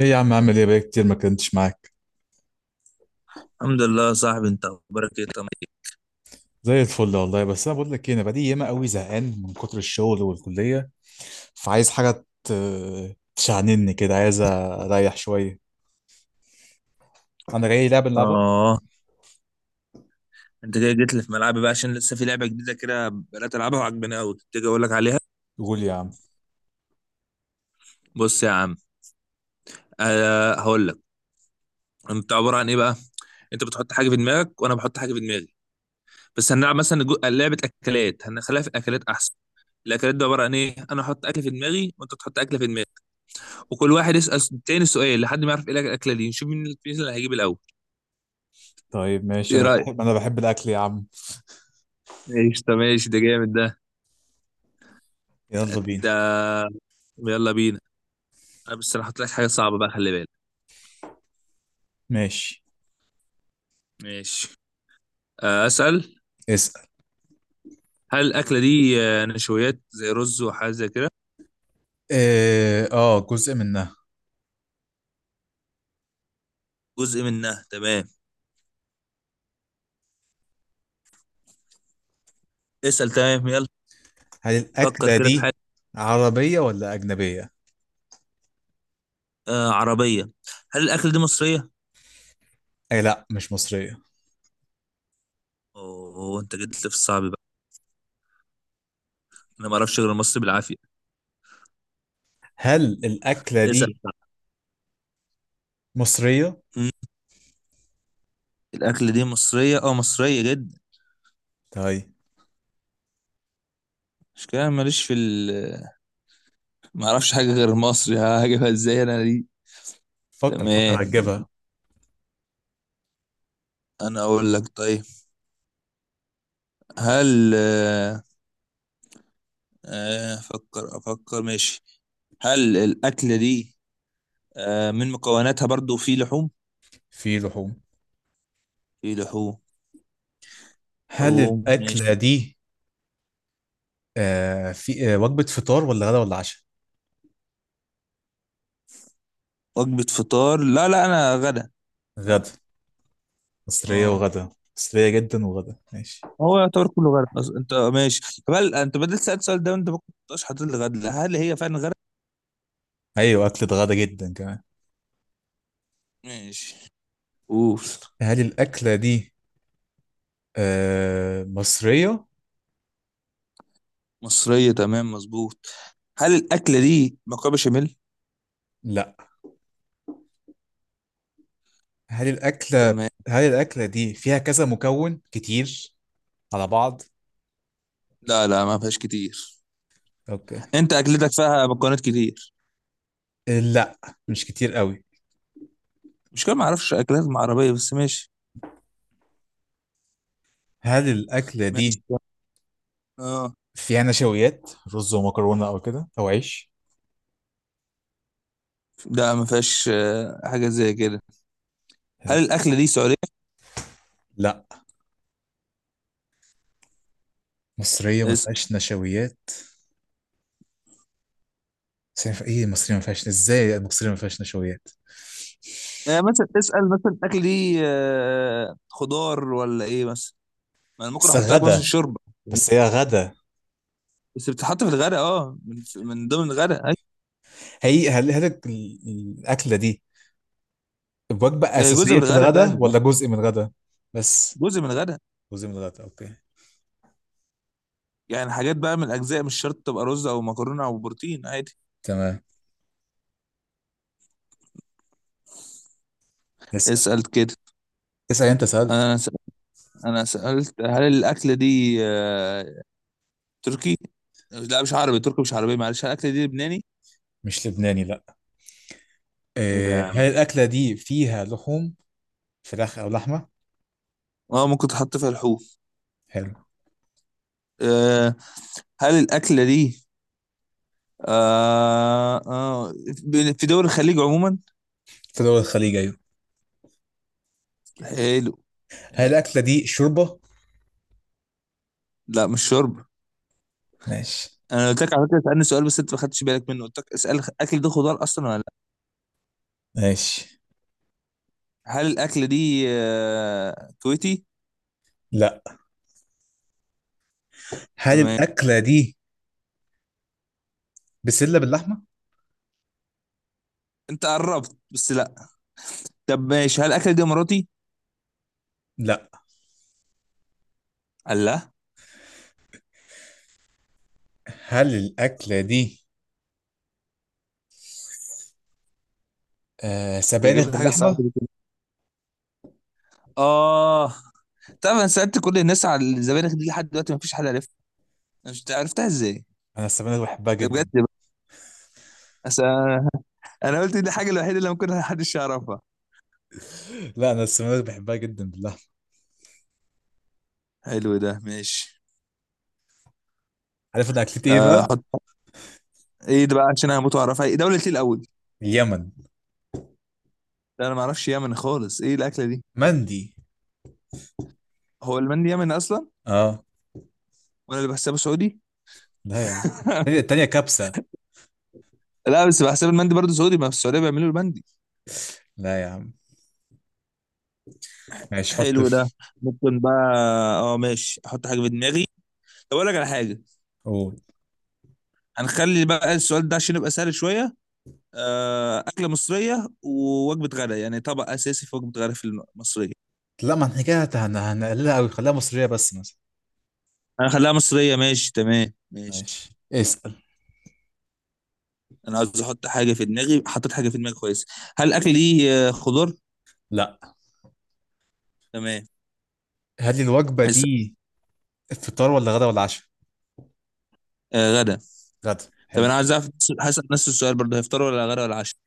ايه يا عم، عامل ايه؟ بقالي كتير ما كنتش معاك. الحمد لله يا صاحبي، انت اخبارك ايه طمع؟ زي الفل والله. بس انا بقول لك ايه، انا بقالي ياما قوي زهقان من كتر الشغل والكليه، فعايز حاجه تشعنني كده، عايز اريح شويه. انا جاي لعبه نلعبها. اه انت كده جيت لي في ملعبي بقى، عشان لسه في لعبه جديده كده بدات العبها وعجباني قوي، تيجي اقول لك عليها. قول يا عم. بص يا عم، هقول لك. انت عباره عن ايه بقى؟ انت بتحط حاجه في دماغك وانا بحط حاجه في دماغي. بس هنلعب مثلا لعبه اكلات، هنخليها في الاكلات احسن. الاكلات ده عباره عن ايه؟ انا احط اكل في دماغي وانت تحط اكل في دماغك، وكل واحد يسال التاني سؤال لحد ما يعرف ايه الاكله دي. نشوف مين، مين اللي هيجيب الاول. طيب ماشي، ايه انا رايك؟ بحب انا بحب الاكل يا عم. ماشي، طب ماشي، ده جامد ده. يلا بينا. ده يلا بينا. انا بس، انا هحط لك حاجه صعبه بقى، خلي بالك. ماشي. ماشي. أسأل. اسال. هل الأكلة دي نشويات زي رز وحاجة زي كده؟ إيه، اه جزء منها. جزء منها تمام. اسأل تمام، يلا. هل فكر الاكله كده في حاجة. دي عربيه ولا اجنبيه؟ آه عربية. هل الأكلة دي مصرية؟ اي لا، مش مصريه. أوه، أنت جيت لي في الصعب بقى. أنا ما أعرفش غير مصر بالعافية. هل الاكله اسأل. دي مصريه؟ مم، الأكلة دي مصرية، أه مصرية جدا. طيب. مش كده، أنا ماليش في ال، ما أعرفش حاجة غير مصري. ها، هجيبها إزاي أنا دي؟ فكر تمام، فكر هتجيبها. أنا أقول لك. طيب هل أفكر أفكر ماشي. هل الأكلة دي من مكوناتها برضو في لحوم. في لحوم. في لحوم. هل لحوم ماشي. الأكلة دي في وجبة فطار ولا غدا ولا عشاء؟ وجبة فطار؟ لا لا، أنا غدا. أنا. غدا. مصرية اه. وغدا. مصرية جدا وغدا، ماشي. هو يعتبر كله غدا. أنت ماشي. هل أنت بدل سألت السؤال ده وأنت ما كنتش حاطط لي غدا، هل هي فعلا غدا؟ أيوة، أكلة غدا جدا كمان. ماشي. أوف. هل الأكلة دي مصرية؟ مصرية تمام مظبوط. هل الأكلة دي مكرونة بشاميل؟ لا. هل الأكلة تمام، هل الأكلة دي فيها كذا مكون كتير على بعض؟ لا لا، ما فيهاش كتير. أوكي. أنت أكلتك فيها مكونات كتير. لا مش كتير قوي. مش كده، ما أعرفش أكلات عربية، بس ماشي. هل الأكلة دي ماشي. اه. فيها نشويات رز ومكرونة أو كده أو عيش؟ لا، ما فيهاش حاجة زي كده. هل الأكلة دي سعودية؟ لا، مصرية ما اسأل. فيهاش نشويات. بس ايه المصرية ما فيهاش، ازاي المصرية ما فيهاش نشويات؟ يعني مثلا اسأل، مثلا الأكل دي خضار ولا إيه مثلا؟ ما أنا ممكن بس أحط لك مثلا غدا. الشوربة. بس هي غدا. بس بتتحط في الغداء، أه من ضمن الغداء أيوة. هي هل هل الأكلة دي وجبة هي جزء أساسية من في الغداء الغدا فعلا، ولا جزء من الغدا؟ بس جزء من الغداء. جزء من الغداء، اوكي. يعني حاجات بقى من الأجزاء، مش شرط تبقى رز أو مكرونة أو بروتين عادي. تمام. اسأل. اسأل كده. اسأل انت سألت. أنا سألت. أنا سألت هل الأكلة دي تركي. لا، مش عربي، تركي مش عربي معلش. هل الأكلة دي لبناني؟ مش لبناني، لا. إيه ده يا إيه، عم؟ هل الأكلة دي فيها لحوم، فراخ أو لحمة؟ اه ممكن تحط فيها لحوم. حلو. آه، هل الأكلة دي آه آه في دول الخليج عموما؟ في دول الخليج، أيوة. حلو. هل حلو. الأكلة دي شوربة؟ لا مش شرب. ماشي. انا قلت لك على فكره اسالني سؤال، بس انت ما خدتش بالك منه، قلت لك اسال الاكل ده خضار اصلا ولا لا. ماشي، هل الاكل دي كويتي؟ لا. هل تمام. الأكلة دي بسلة باللحمة؟ انت قربت بس لا. طب ماشي، هل الاكل دي اماراتي؟ لا. الله. هل الأكلة دي سبانخ تجيب لي حاجه صعبه باللحمه. دي كده. اه. طب انا سالت كل الناس على الزبانخ دي لحد دلوقتي، ما فيش حد عرفها. أنا مش عرفتها ازاي. انا السبانخ بحبها ده بجد جدا. بقى. أصل انا. أنا قلت دي الحاجه الوحيده اللي ممكن محدش يعرفها. لا، انا السبانخ بحبها جدا باللحمه. حلو ده، ماشي. عارف انا اكلتي ايه بقى؟ احط. ايه ده بقى؟ عشان انا هموت واعرفها. ايه دولة ايه الاول؟ اليمن. ده انا ما اعرفش يمن خالص. ايه الاكله دي؟ مندي. هو المندي يمني اصلا؟ اه. وانا اللي بحسبه سعودي. لا يا عم. التانية التانية كبسه. لا بس بحسب المندي برضه سعودي، ما في السعوديه بيعملوا المندي. لا يا عم. ماشي، حط حلو ده. في. ممكن بقى. اه ماشي، احط حاجه في دماغي. طب اقول لك على حاجه. قول. هنخلي بقى السؤال ده عشان يبقى سهل شويه. اكله مصريه ووجبه غدا، يعني طبق اساسي في وجبه غدا في المصريه. لا، ما احنا كده هنقللها قوي، خليها مصريه بس مثلا. هنخليها مصريه ماشي، تمام ماشي. ماشي. اسال. انا عاوز احط حاجه في دماغي، حطيت حاجه في دماغي كويس. هل الاكل ليه خضار؟ لا. تمام. هل الوجبه اسأل. دي فطار ولا غدا ولا عشاء؟ آه غدا. غدا، طب حلو. انا عايز اعرف هسأل نفس السؤال برضه، هيفطروا ولا غدا ولا عشاء؟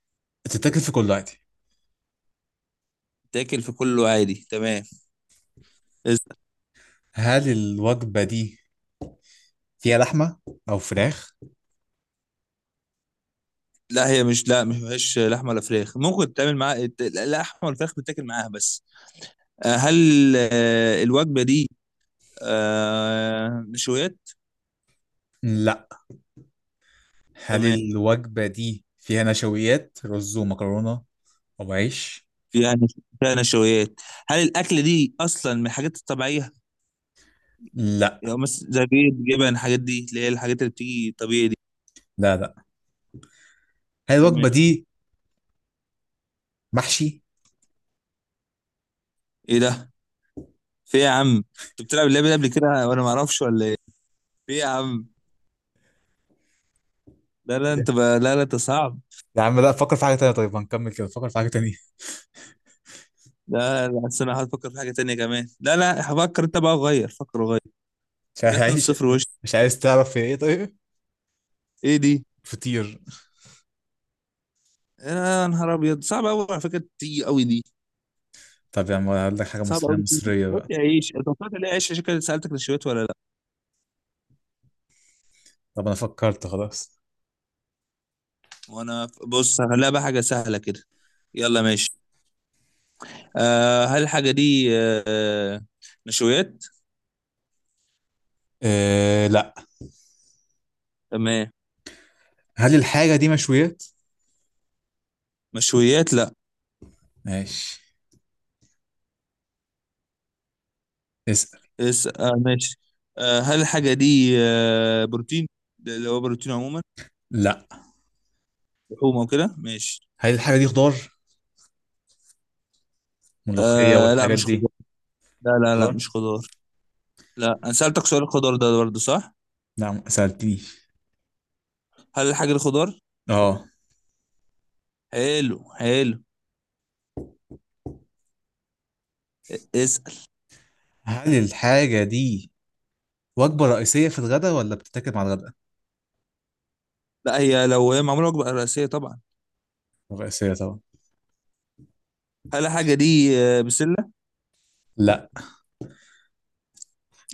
تتاكل في كل وقت. تاكل في كله عادي، تمام. اسأل. هل الوجبه دي فيها لحمه او فراخ؟ لا هي مش، لا ما فيهاش لحمه ولا فراخ، ممكن تعمل معاها اللحمه والفراخ بتاكل معاها بس. آه هل الوجبه دي نشويات؟ لا. هل تمام. الوجبة دي فيها نشويات رز ومكرونة أو عيش؟ فيها فيها نشويات. هل الاكل دي اصلا من الحاجات الطبيعيه؟ لا، يعني مثلا زي بيض جبن، الحاجات دي اللي هي الحاجات اللي بتيجي طبيعي دي. لا، لا. هل تمام. الوجبة دي محشي؟ ايه ده؟ في إيه يا عم، انت بتلعب اللعبه دي قبل كده وانا ما اعرفش ولا ايه؟ في إيه يا عم. لا لا انت بقى، لا لا انت صعب. يا عم لا، فكر في حاجة تانية، طيب هنكمل كده، فكر في حاجة تانية. لا لا، أصل انا هفكر في حاجه تانية كمان، لا لا هفكر انت بقى، غير، فكر غير. مش جات 2 عايز. 0 وش. مش عايز تعرف في ايه طيب؟ ايه دي؟ فطير. يا نهار ابيض، صعب قوي على فكره، تيجي قوي دي. طب يا عم هقول لك حاجة، صعب مصرية قوي تيجي. مصرية قلت بقى. يا عيش، انت طلعت ليه عيش، عشان كده سالتك نشويت ولا لا. طب أنا فكرت خلاص. بص هخليها بقى حاجه سهله كده. يلا ماشي. آه هل الحاجه دي آه نشويات؟ أه لا. تمام. هل الحاجة دي مشويات؟ مشويات، لا. ماشي. اسأل. ماشي. آه هل الحاجه دي بروتين؟ ده اللي هو بروتين عموما، لا. لحوم او كده ماشي. هل الحاجة دي خضار؟ ملوخية آه لا والحاجات مش خضار. دي. لا لا لا خضار؟ مش خضار. لا انا سألتك سؤال الخضار ده برضه صح. لا، ما سألتنيش. هل الحاجة دي خضار؟ اه. حلو حلو. اسأل. هل الحاجة دي وجبة رئيسية في الغداء ولا بتتاكل مع الغداء؟ لا هي، لو هي معمولة وجبة رئيسية طبعا. رئيسية طبعا. هل الحاجة دي بسلة؟ لا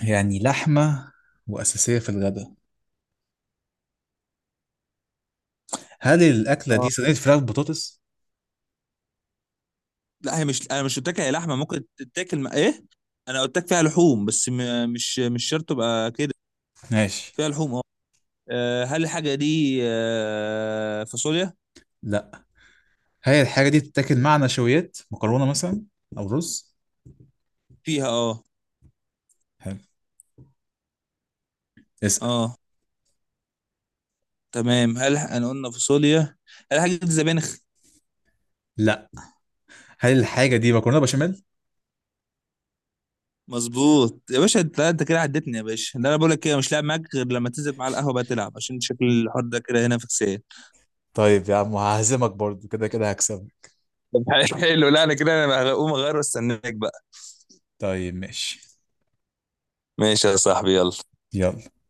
يعني لحمة وأساسية في الغداء. هل الأكلة اه دي صينية فراخ بطاطس؟ لا، هي مش، انا مش قلت لك هي لحمة ممكن تتاكل مع ايه، انا قلت لك فيها لحوم بس، مش شرط تبقى كده. ماشي. فيها لحوم اه. هل الحاجة دي فاصوليا؟ لا. هل الحاجة دي بتتاكل مع نشويات؟ مكرونة مثلا أو رز؟ فيها اه. حلو. اسأل. اه تمام، هل انا قلنا فاصوليا. هل الحاجة دي زبانخ؟ لا. هل الحاجة دي مكرونة بشاميل؟ مظبوط يا باشا، انت لا، انت كده عدتني يا باشا، ده انا بقول لك كده مش لاعب معاك غير لما تنزل معاه القهوه بقى تلعب، عشان شكل الحوار ده كده هنا فكسان. طيب يا عم هعزمك برضو، كده كده هكسبك. طب. حلو، لا انا كده انا هقوم اغير واستناك بقى. طيب ماشي. ماشي يا صاحبي، يلا يلا